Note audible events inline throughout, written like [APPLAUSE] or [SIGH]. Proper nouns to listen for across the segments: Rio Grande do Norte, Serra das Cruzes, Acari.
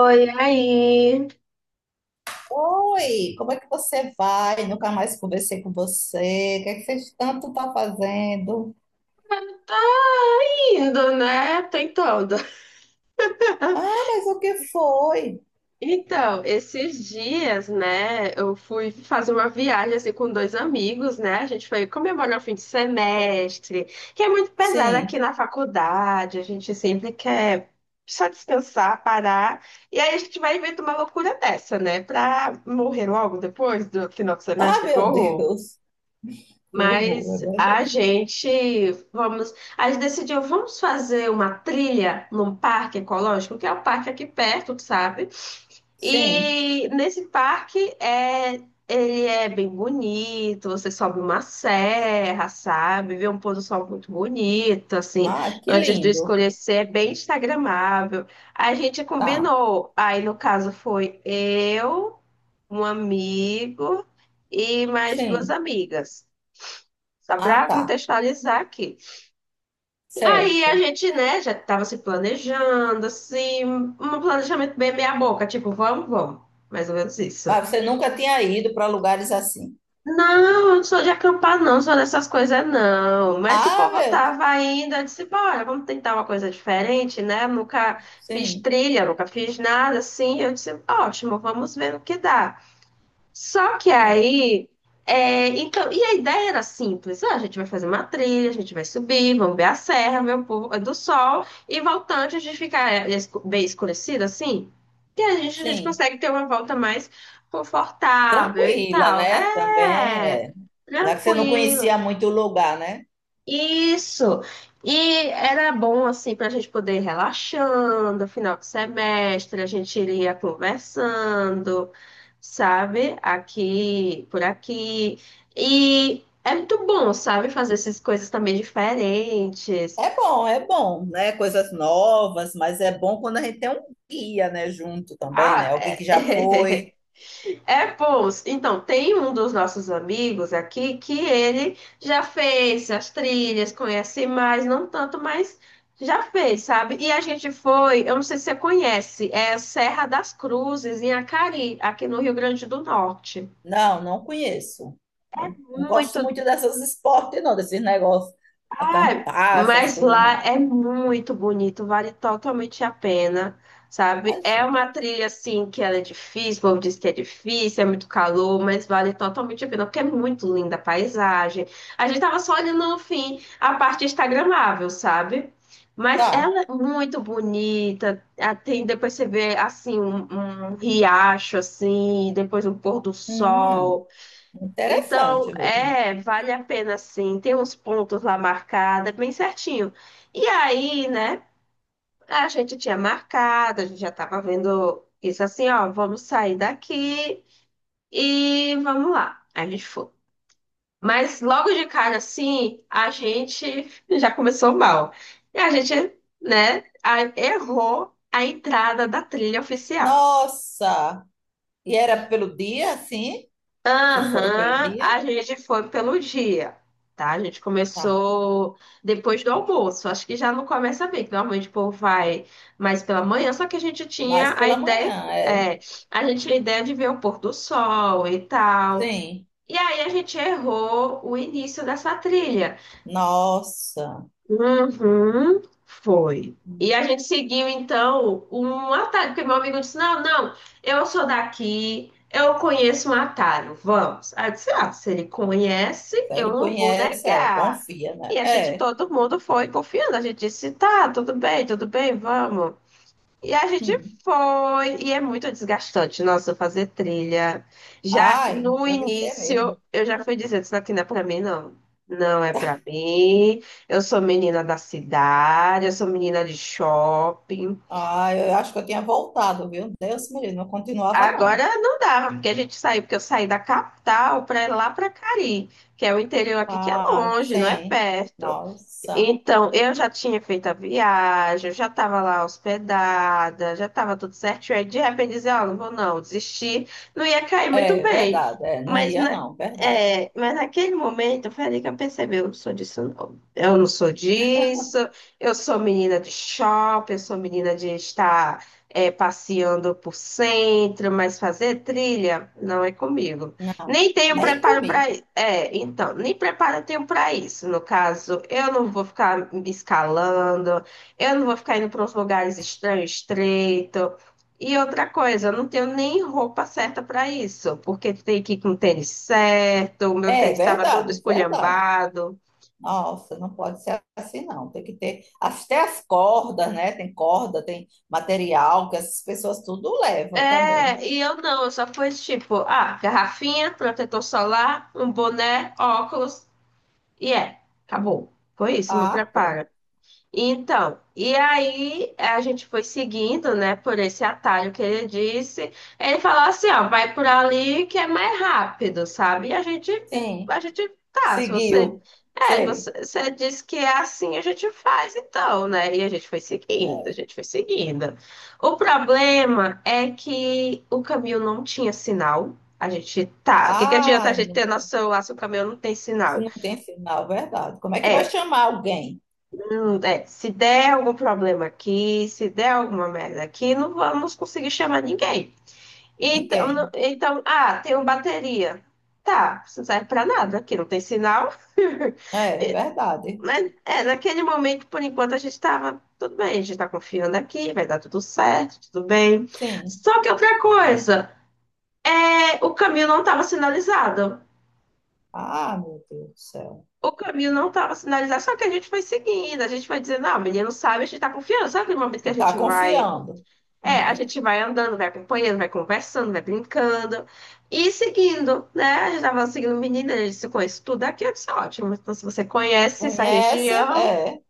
Oi, aí. Oi, como é que você vai? Nunca mais conversei com você. O que é que você tanto está fazendo? Tá indo, né? Tentando. Ah, mas o que foi? Então, esses dias, né, eu fui fazer uma viagem assim com dois amigos, né? A gente foi comemorar o fim de semestre, que é muito pesado aqui Sim. na faculdade, a gente sempre quer só descansar, parar. E aí a gente vai inventar uma loucura dessa, né? Pra morrer logo depois do final do Ah, semestre, que meu horror. Deus. [LAUGHS] Que horror, é Mas a verdade. gente vamos, a gente decidiu, vamos fazer uma trilha num parque ecológico, que é o parque aqui perto, tu sabe? Sim. E nesse parque ele é bem bonito, você sobe uma serra, sabe? Vê um pôr do sol muito bonito, assim, Ah, que antes do lindo. escurecer, é bem instagramável. A gente Tá. combinou, aí no caso foi eu, um amigo e mais duas Sim. amigas. Só Ah, para tá. contextualizar aqui. Aí a Certo. gente, né, já estava se planejando, assim, um planejamento bem meia-boca, tipo, vamos, vamos. Mais ou menos isso. Mas você nunca tinha ido para lugares assim. Não, eu não sou de acampar, não, não sou dessas coisas, não. Mas o Ah, povo meu Deus. tava ainda, eu disse, bora, vamos tentar uma coisa diferente, né? Eu nunca fiz Sim. trilha, nunca fiz nada assim. Eu disse, ótimo, vamos ver no que dá. Só que É. aí, então, e a ideia era simples: ah, a gente vai fazer uma trilha, a gente vai subir, vamos ver a serra, ver o povo é do sol, e voltando, a gente fica bem escurecido assim, e a gente Sim. consegue ter uma volta mais confortável e Tranquila, tal. né? Também É, é. Já que você não tranquilo. conhecia muito o lugar, né? Isso. E era bom assim para a gente poder ir relaxando, final de semestre, a gente iria conversando, sabe? Aqui, por aqui. E é muito bom, sabe, fazer essas coisas também diferentes. É bom, né? Coisas novas, mas é bom quando a gente tem um guia, né, junto também, né? Ah, Alguém é. que já foi. [LAUGHS] É, pô, então, tem um dos nossos amigos aqui que ele já fez as trilhas, conhece mais, não tanto, mas já fez, sabe? E a gente foi, eu não sei se você conhece, é Serra das Cruzes, em Acari, aqui no Rio Grande do Norte. Não, não conheço. Não, não gosto Muito. muito dessas esportes, não, desses negócios, Ah, acampar, essas mas coisas, lá não. é muito bonito, vale totalmente a pena, sabe? É Imagina. uma trilha assim que ela é difícil, o povo diz que é difícil, é muito calor, mas vale totalmente a pena, porque é muito linda a paisagem. A gente tava só olhando no fim a parte instagramável, sabe? Mas Tá. ela é muito bonita, ah, tem depois você vê assim um, um riacho assim, depois um pôr do Hum, sol. Então, interessante mesmo. é, vale a pena sim. Tem uns pontos lá marcados, é bem certinho. E aí, né, a gente tinha marcado, a gente já tava vendo isso assim, ó, vamos sair daqui e vamos lá. Aí a gente foi. Mas logo de cara, assim, a gente [LAUGHS] já começou mal. E a gente, né, errou a entrada da trilha oficial. Nossa! E era pelo dia, sim? Vocês foram pelo Aham, dia? a gente foi pelo dia, tá? A gente Tá. começou depois do almoço. Acho que já não começa bem, que normalmente o povo vai mais pela manhã, só que a gente Mas tinha a pela ideia, manhã, é. A gente tinha a ideia de ver o pôr do sol e tal. Sim. E aí a gente errou o início dessa trilha. Nossa. Uhum, foi. E a gente seguiu, então, um atalho, porque meu amigo disse: Não, não, eu sou daqui, eu conheço um atalho, vamos. Aí eu disse: Ah, se ele conhece, Se eu ele não vou conhece, é, negar. confia, né? E a gente, É. todo mundo foi confiando. A gente disse: Tá, tudo bem, vamos. E a gente Hum. foi, e é muito desgastante, nossa, fazer trilha. Já Ai, no deve ser mesmo. início, eu já fui dizendo, isso aqui não é pra mim, não. Não é pra mim. Eu sou menina da cidade, eu sou menina de shopping. Ai, eu acho que eu tinha voltado, viu? Deus me livre, não continuava, não. Agora não dava, porque a gente saiu, porque eu saí da capital para ir lá para Cari, que é o interior aqui que é Ah, longe, não é sim. perto. Nossa. Então, eu já tinha feito a viagem, eu já estava lá hospedada, já estava tudo certo. Aí, de repente, dizer, ó, não vou não, desistir, não ia cair muito É bem. verdade, é, não Mas, ia, na, não, verdade. Mas naquele momento, foi ali que eu percebi, eu não sou disso, não. Eu não sou disso, eu sou menina de shopping, eu sou menina de estar, passeando por centro, mas fazer trilha não é comigo. Não, Nem tenho nem preparo para comigo. Então, nem preparo eu tenho para isso. No caso, eu não vou ficar me escalando, eu não vou ficar indo para uns lugares estranhos, estreito. E outra coisa, eu não tenho nem roupa certa para isso, porque tem que ir com o tênis certo, o meu É tênis estava todo verdade, verdade. esculhambado. Nossa, não pode ser assim, não. Tem que ter até as cordas, né? Tem corda, tem material que essas pessoas tudo levam também. É, e eu não, eu só fui tipo, ah, garrafinha, protetor solar, um boné, óculos, e é, acabou. Foi isso, meu Ah, pronto. preparo. Então, e aí a gente foi seguindo, né, por esse atalho que ele disse. Ele falou assim, ó, vai por ali que é mais rápido, sabe? E Sim, a gente tá, se você, seguiu. é, Sei. você, você disse que é assim, a gente faz então, né? E a gente foi seguindo, a gente foi seguindo. O problema é que o caminho não tinha sinal. A gente tá, o que que adianta a Ah, gente ter mulher, nosso celular se o caminho não tem se sinal? não tem sinal, verdade. Como é que vai É, chamar alguém? É, se der algum problema aqui, se der alguma merda aqui, não vamos conseguir chamar ninguém. Então, não- Ninguém. então, ah, tenho bateria. Tá, isso não serve pra nada, aqui não tem sinal. [LAUGHS] É, é verdade. Mas é, naquele momento, por enquanto, a gente estava tudo bem, a gente está confiando aqui, vai dar tudo certo, tudo bem. Sim. Só que outra coisa, o caminho não estava sinalizado. Ah, meu Deus do céu. O caminho não estava sinalizado, só que a gente foi seguindo, a gente vai dizendo, não, o menino sabe, a gente está confiando. Sabe aquele momento que a Tá gente vai confiando. É, a Hum. gente vai andando, vai acompanhando, vai conversando, vai brincando e seguindo, né? A gente tava seguindo o menino, ele disse, conheço tudo aqui, eu disse, ótimo. Então, se você conhece essa Conhece? região, É,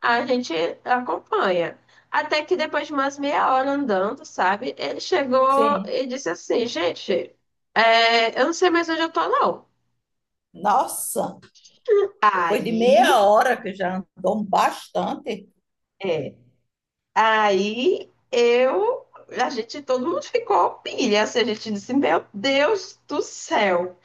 a gente acompanha. Até que depois de umas meia hora andando, sabe? Ele chegou sim. e disse assim, gente, eu não sei mais onde eu tô, não. Nossa, depois de Aí, meia hora que já andou bastante, é, aí eu, a gente, todo mundo ficou pilha, assim, a gente disse, meu Deus do céu.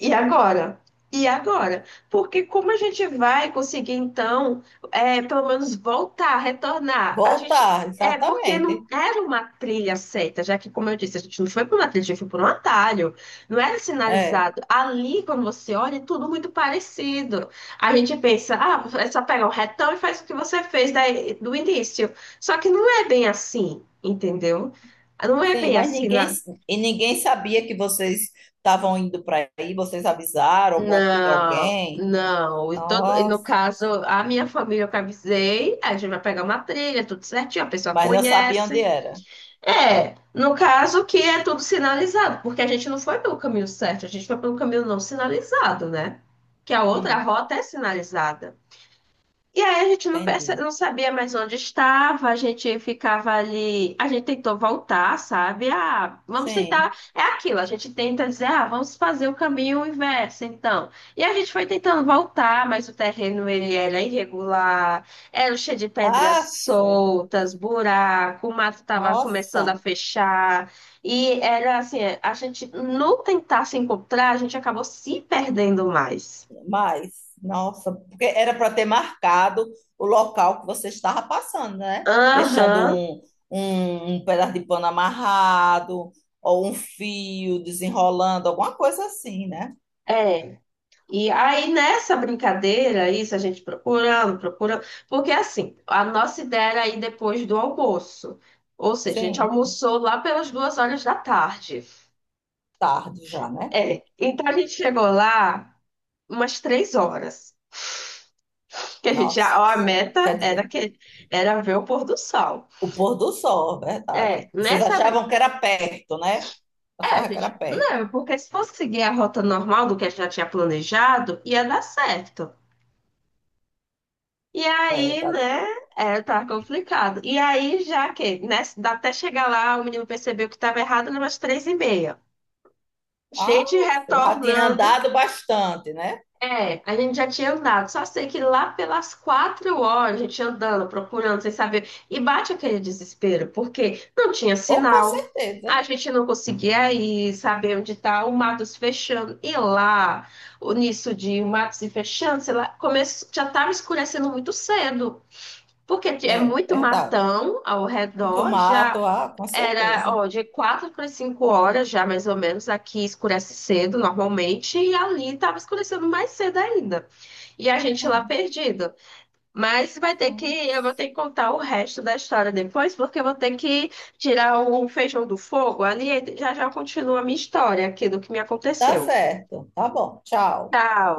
E agora? E agora? Porque como a gente vai conseguir, então, pelo menos voltar, retornar? A gente. voltar, É porque não exatamente. era uma trilha certa, já que, como eu disse, a gente não foi por uma trilha, a gente foi por um atalho, não era É, sinalizado. Ali, quando você olha, é tudo muito parecido. A gente pensa, ah, é só pegar um retão e faz o que você fez do início. Só que não é bem assim, entendeu? Não é sim, bem mas assim. ninguém e ninguém sabia que vocês estavam indo para aí, vocês avisaram alguma, Não, alguém. não. E, todo, e no Nossa, caso, a minha família eu que avisei, a gente vai pegar uma trilha, tudo certinho, a pessoa mas não sabia onde conhece. era. É, no caso que é tudo sinalizado, porque a gente não foi pelo caminho certo, a gente foi pelo caminho não sinalizado, né? Que a outra Hum, rota é sinalizada. E aí a gente não, entendi. não sabia mais onde estava, a gente ficava ali, a gente tentou voltar, sabe? Ah, vamos Sim. tentar, é aquilo, a gente tenta dizer, ah, vamos fazer o caminho inverso, então. E a gente foi tentando voltar, mas o terreno ele era irregular, era cheio de pedras Ah, soltas, buraco, o mato estava começando a nossa, fechar, e era assim, a gente no tentar se encontrar, a gente acabou se perdendo mais. mas, nossa, porque era para ter marcado o local que você estava passando, né? Deixando Aham, um, um, um pedaço de pano amarrado, ou um fio desenrolando, alguma coisa assim, né? é. E aí, nessa brincadeira, isso a gente procurando, procurando, porque assim, a nossa ideia era ir depois do almoço. Ou seja, a gente Sim, almoçou lá pelas 2 horas da tarde. tarde já, né? É, então a gente chegou lá umas 3 horas. Que a gente já, ó, a Nossa, meta quer era dizer, que era ver o pôr do sol. o pôr do sol, é É, verdade. Vocês achavam que era perto, né? A Achavam que era gente, perto. não, porque se fosse seguir a rota normal do que a gente já tinha planejado, ia dar certo. E É, aí, tá. né? É, tá complicado. E aí, já que, né, dá até chegar lá, o menino percebeu que estava errado, né, umas 3:30. Ah, Gente já tinha retornando. andado bastante, né? É, a gente já tinha andado. Só sei que lá pelas 4 horas, a gente andando, procurando, sem saber. E bate aquele desespero, porque não tinha Ou com sinal. certeza. A gente não conseguia ir, saber onde tá o mato se fechando. E lá, o nisso de o mato se fechando, sei lá, começou, já estava escurecendo muito cedo. Porque é É, muito verdade. matão ao Muito redor, já mato, ah, com era, certeza. ó, de 4 para 5 horas já, mais ou menos, aqui escurece cedo normalmente, e ali estava escurecendo mais cedo ainda. E a gente lá Hum, perdido. Mas hum. eu vou ter que contar o resto da história depois, porque eu vou ter que tirar o feijão do fogo ali, e já já continua a minha história aqui do que me Tá aconteceu. certo. Tá bom. Tchau. Tchau.